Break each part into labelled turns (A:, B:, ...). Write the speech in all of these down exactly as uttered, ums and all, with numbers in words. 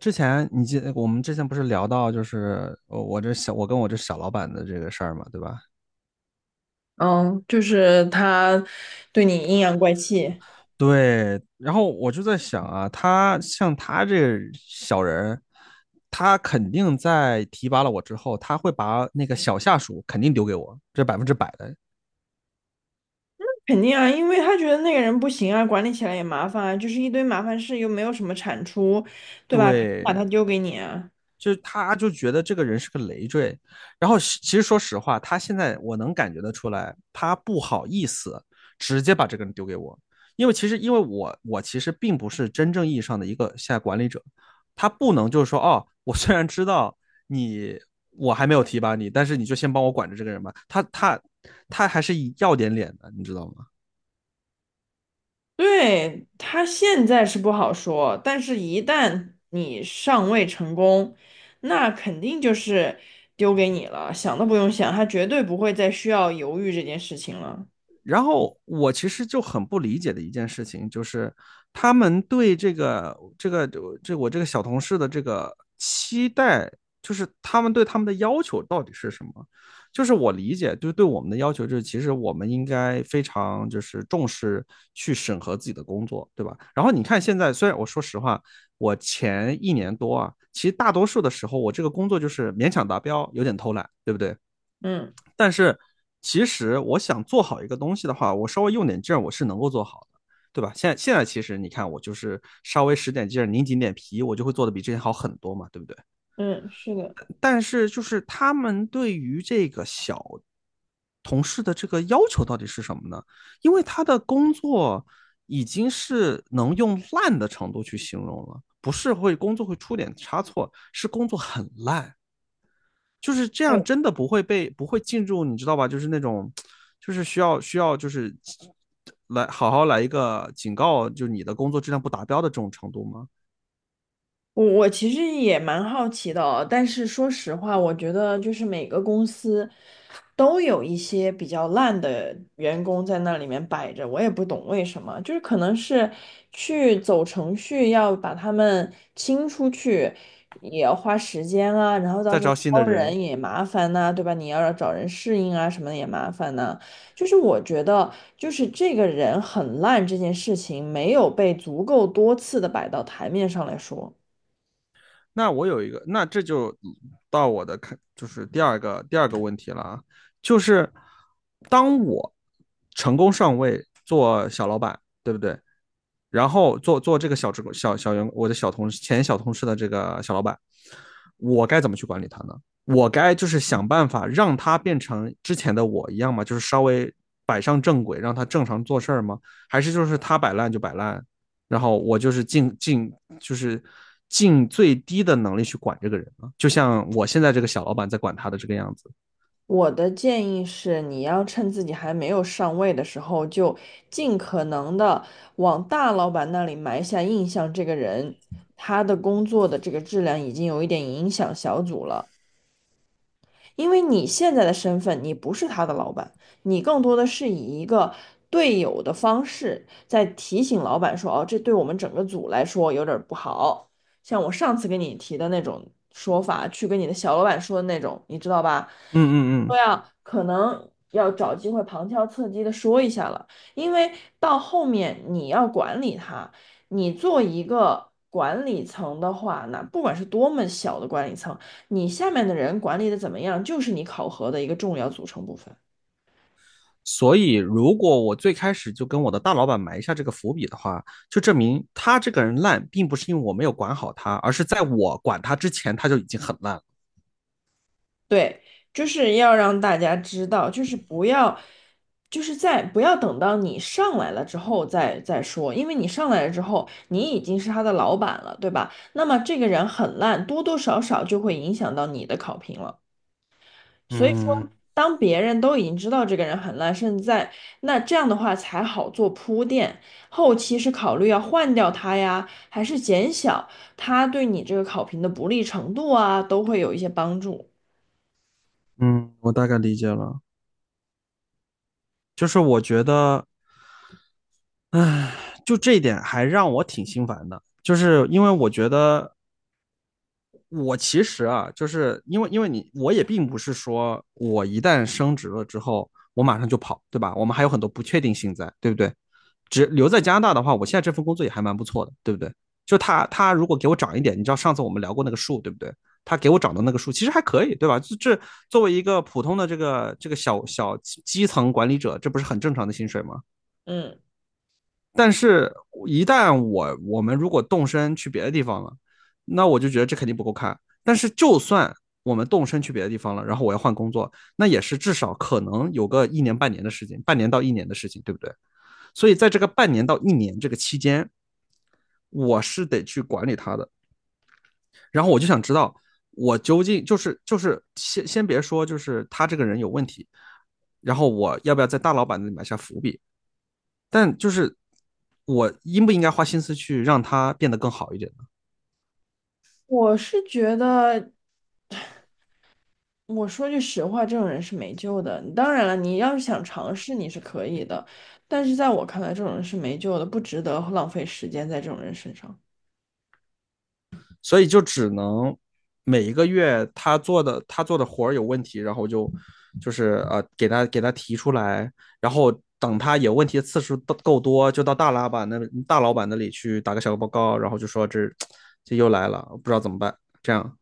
A: 之前你记，我们之前不是聊到就是呃我这小我跟我这小老板的这个事儿嘛，对吧？
B: 嗯，就是他对你阴阳怪气，
A: 对，然后我就在想啊，他像他这小人他肯定在提拔了我之后，他会把那个小下属肯定丢给我，这百分之百的。
B: 肯定啊，因为他觉得那个人不行啊，管理起来也麻烦啊，就是一堆麻烦事，又没有什么产出，对吧？肯定把他
A: 对，
B: 丢给你啊。
A: 就是他就觉得这个人是个累赘，然后其实说实话，他现在我能感觉得出来，他不好意思直接把这个人丢给我，因为其实因为我我其实并不是真正意义上的一个现在管理者，他不能就是说哦，我虽然知道你我还没有提拔你，但是你就先帮我管着这个人吧，他他他还是要点脸的，你知道吗？
B: 对，他现在是不好说，但是一旦你上位成功，那肯定就是丢给你了，想都不用想，他绝对不会再需要犹豫这件事情了。
A: 然后我其实就很不理解的一件事情，就是他们对这个这个这我这个小同事的这个期待，就是他们对他们的要求到底是什么？就是我理解，就是对我们的要求，就是其实我们应该非常就是重视去审核自己的工作，对吧？然后你看现在，虽然我说实话，我前一年多啊，其实大多数的时候我这个工作就是勉强达标，有点偷懒，对不对？
B: 嗯
A: 但是其实我想做好一个东西的话，我稍微用点劲儿，我是能够做好的，对吧？现在现在其实你看，我就是稍微使点劲儿，拧紧点皮，我就会做的比之前好很多嘛，对不对？
B: 嗯，是的。
A: 但是就是他们对于这个小同事的这个要求到底是什么呢？因为他的工作已经是能用烂的程度去形容了，不是会工作会出点差错，是工作很烂。就是这样，真的不会被不会进入，你知道吧？就是那种，就是需要需要就是来好好来一个警告，就是你的工作质量不达标的这种程度吗？
B: 我我其实也蛮好奇的哦，但是说实话，我觉得就是每个公司都有一些比较烂的员工在那里面摆着，我也不懂为什么，就是可能是去走程序要把他们清出去，也要花时间啊，然后到
A: 再
B: 时候
A: 招新
B: 招
A: 的人，
B: 人也麻烦呐、对吧？你要找人适应啊，什么的也麻烦呐、就是我觉得，就是这个人很烂这件事情没有被足够多次的摆到台面上来说。
A: 那我有一个，那这就到我的看，就是第二个第二个问题了啊，就是当我成功上位做小老板，对不对？然后做做这个小职工小小员，我的小同事前小同事的这个小老板，我该怎么去管理他呢？我该就是想办法让他变成之前的我一样吗？就是稍微摆上正轨，让他正常做事儿吗？还是就是他摆烂就摆烂，然后我就是尽尽就是尽最低的能力去管这个人呢？就像我现在这个小老板在管他的这个样子。
B: 我的建议是，你要趁自己还没有上位的时候，就尽可能的往大老板那里埋下印象。这个人，他的工作的这个质量已经有一点影响小组了。因为你现在的身份，你不是他的老板，你更多的是以一个队友的方式在提醒老板说："哦，这对我们整个组来说有点儿不好。"像我上次跟你提的那种说法，去跟你的小老板说的那种，你知道吧？
A: 嗯嗯
B: 说
A: 嗯。
B: 呀，可能要找机会旁敲侧击的说一下了，因为到后面你要管理它，你做一个管理层的话，那不管是多么小的管理层，你下面的人管理的怎么样，就是你考核的一个重要组成部分。
A: 所以，如果我最开始就跟我的大老板埋下这个伏笔的话，就证明他这个人烂，并不是因为我没有管好他，而是在我管他之前，他就已经很烂了。
B: 对，就是要让大家知道，就是不要，就是在不要等到你上来了之后再再说，因为你上来了之后，你已经是他的老板了，对吧？那么这个人很烂，多多少少就会影响到你的考评了。所以说，
A: 嗯
B: 当别人都已经知道这个人很烂，甚至在那这样的话才好做铺垫，后期是考虑要换掉他呀，还是减小他对你这个考评的不利程度啊，都会有一些帮助。
A: 嗯，我大概理解了，就是我觉得，唉，就这一点还让我挺心烦的，就是因为我觉得我其实啊，就是因为因为你我也并不是说我一旦升职了之后，我马上就跑，对吧？我们还有很多不确定性在，对不对？只留在加拿大的话，我现在这份工作也还蛮不错的，对不对？就他他如果给我涨一点，你知道上次我们聊过那个数，对不对？他给我涨的那个数其实还可以，对吧？这作为一个普通的这个这个小小基层管理者，这不是很正常的薪水吗？
B: 嗯。
A: 但是，一旦我我们如果动身去别的地方了，那我就觉得这肯定不够看。但是，就算我们动身去别的地方了，然后我要换工作，那也是至少可能有个一年半年的事情，半年到一年的事情，对不对？所以，在这个半年到一年这个期间，我是得去管理他的。然后，我就想知道，我究竟就是就是先先别说，就是他这个人有问题，然后我要不要在大老板那里埋下伏笔？但就是我应不应该花心思去让他变得更好一点呢？
B: 我是觉得，我说句实话，这种人是没救的。当然了，你要是想尝试，你是可以的，但是在我看来，这种人是没救的，不值得浪费时间在这种人身上。
A: 所以就只能每一个月他做的他做的活儿有问题，然后就就是呃给他给他提出来，然后等他有问题的次数够多，就到大老板那大老板那里去打个小报告，然后就说这 这又来了，不知道怎么办，这样，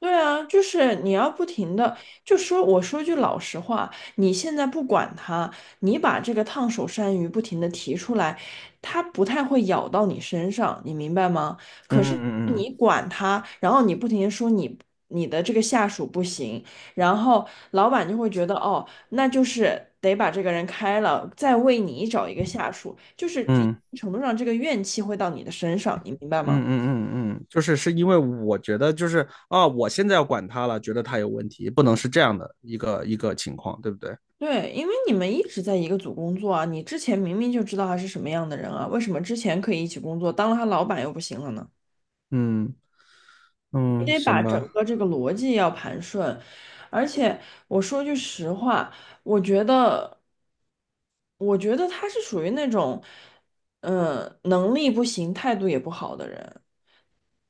B: 对啊，就是你要不停的，就说我说句老实话，你现在不管他，你把这个烫手山芋不停的提出来，他不太会咬到你身上，你明白吗？
A: 嗯
B: 可是
A: 嗯嗯嗯。
B: 你管他，然后你不停的说你你的这个下属不行，然后老板就会觉得哦，那就是得把这个人开了，再为你找一个下属，就是一定
A: 嗯
B: 程度上这个怨气会到你的身上，你明白吗？
A: 嗯嗯嗯嗯，就是是因为我觉得就是啊，我现在要管他了，觉得他有问题，不能是这样的一个一个情况，对不对？
B: 对，因为你们一直在一个组工作啊，你之前明明就知道他是什么样的人啊，为什么之前可以一起工作，当了他老板又不行了呢？
A: 嗯
B: 你
A: 嗯，
B: 得把
A: 行
B: 整
A: 吧。
B: 个这个逻辑要盘顺，而且我说句实话，我觉得，我觉得他是属于那种，嗯、能力不行，态度也不好的人。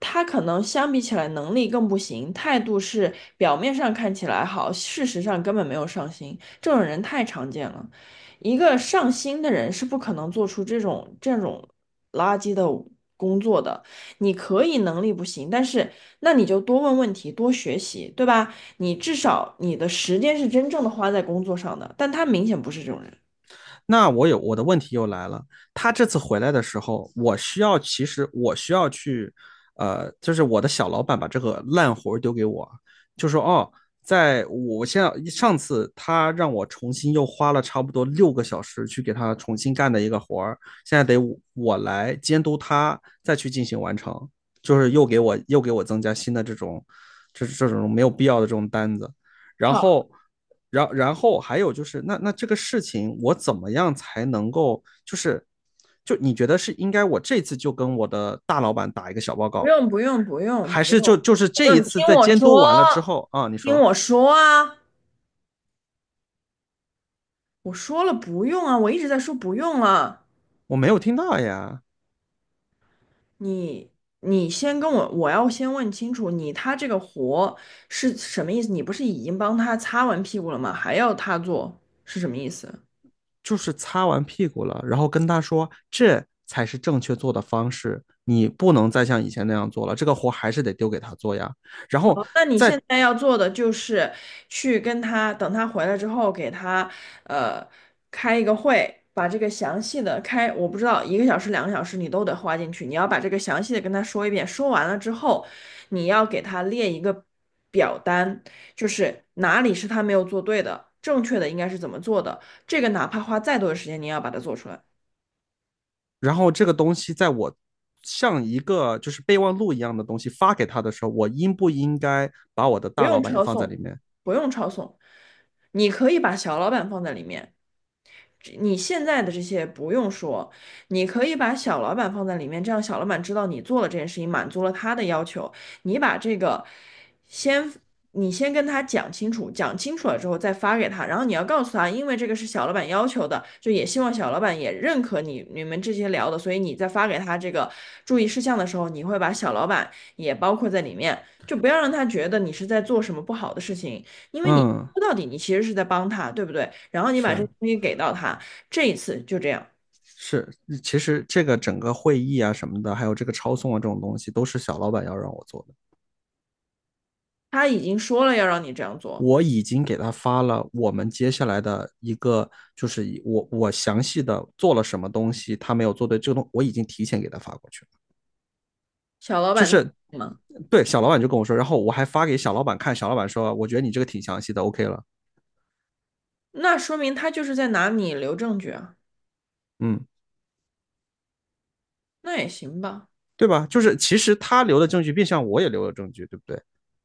B: 他可能相比起来能力更不行，态度是表面上看起来好，事实上根本没有上心，这种人太常见了。一个上心的人是不可能做出这种这种垃圾的工作的。你可以能力不行，但是那你就多问问题，多学习，对吧？你至少你的时间是真正的花在工作上的，但他明显不是这种人。
A: 那我有我的问题又来了，他这次回来的时候，我需要其实我需要去，呃，就是我的小老板把这个烂活丢给我，就说哦，在我现在上次他让我重新又花了差不多六个小时去给他重新干的一个活儿，现在得我我来监督他再去进行完成，就是又给我又给我增加新的这种，这这种没有必要的这种单子。然
B: 好，
A: 后，然然后还有就是，那那这个事情我怎么样才能够，就是就你觉得是应该我这次就跟我的大老板打一个小报
B: 不
A: 告，
B: 用不用不用
A: 还
B: 不
A: 是
B: 用
A: 就就是
B: 不
A: 这
B: 用，
A: 一
B: 你
A: 次
B: 听
A: 在
B: 我
A: 监督
B: 说，
A: 完了之后啊，你
B: 听
A: 说
B: 我说啊。我说了不用啊，我一直在说不用了。
A: 我没有听到呀，
B: 你你先跟我，我要先问清楚，你他这个活是什么意思？你不是已经帮他擦完屁股了吗？还要他做是什么意思？
A: 就是擦完屁股了，然后跟他说这才是正确做的方式，你不能再像以前那样做了，这个活还是得丢给他做呀，然后。
B: 好，那你现
A: 在
B: 在要做的就是去跟他，等他回来之后，给他呃开一个会，把这个详细的开，我不知道一个小时、两个小时你都得花进去，你要把这个详细的跟他说一遍。说完了之后，你要给他列一个表单，就是哪里是他没有做对的，正确的应该是怎么做的，这个哪怕花再多的时间，你也要把它做出来，
A: 然后这个东西在我像一个就是备忘录一样的东西发给他的时候，我应不应该把我的
B: 不
A: 大老
B: 用
A: 板也
B: 抄
A: 放在里
B: 送，
A: 面？
B: 不用抄送，你可以把小老板放在里面。你现在的这些不用说，你可以把小老板放在里面，这样小老板知道你做了这件事情，满足了他的要求。你把这个先，你先跟他讲清楚，讲清楚了之后再发给他，然后你要告诉他，因为这个是小老板要求的，就也希望小老板也认可你你们这些聊的，所以你在发给他这个注意事项的时候，你会把小老板也包括在里面，就不要让他觉得你是在做什么不好的事情。因为你
A: 嗯，
B: 说到底，你其实是在帮他，对不对？然后你把这个
A: 是
B: 东西给到他，这一次就这样，
A: 是，其实这个整个会议啊什么的，还有这个抄送啊这种东西，都是小老板要让我做的。
B: 他已经说了要让你这样做，
A: 我已经给他发了我们接下来的一个，就是我我详细的做了什么东西，他没有做对，这个东我已经提前给他发过去了，
B: 小老
A: 就
B: 板
A: 是。
B: 在吗？
A: 对，小老板就跟我说，然后我还发给小老板看，小老板说，我觉得你这个挺详细的，O K 了。
B: 那说明他就是在拿你留证据啊，
A: 嗯，
B: 那也行吧，
A: 对吧？就是其实他留的证据，变相我也留了证据，对不对？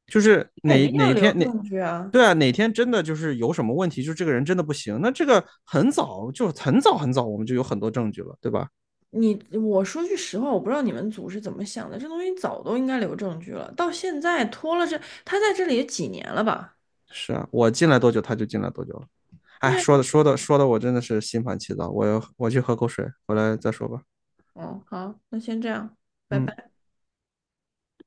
A: 就是
B: 肯
A: 哪
B: 定要
A: 哪
B: 留
A: 天哪，
B: 证据啊。
A: 对啊，哪天真的就是有什么问题，就这个人真的不行，那这个很早就很早很早，我们就有很多证据了，对吧？
B: 你我说句实话，我不知道你们组是怎么想的，这东西早都应该留证据了，到现在拖了这，他在这里也几年了吧？
A: 是啊，我进来多久，他就进来多久了。
B: 对
A: 哎，
B: 呀，
A: 说的说的说的，我真的是心烦气躁。我我去喝口水，回来再说吧。
B: 嗯，好，那先这样，拜
A: 嗯。
B: 拜。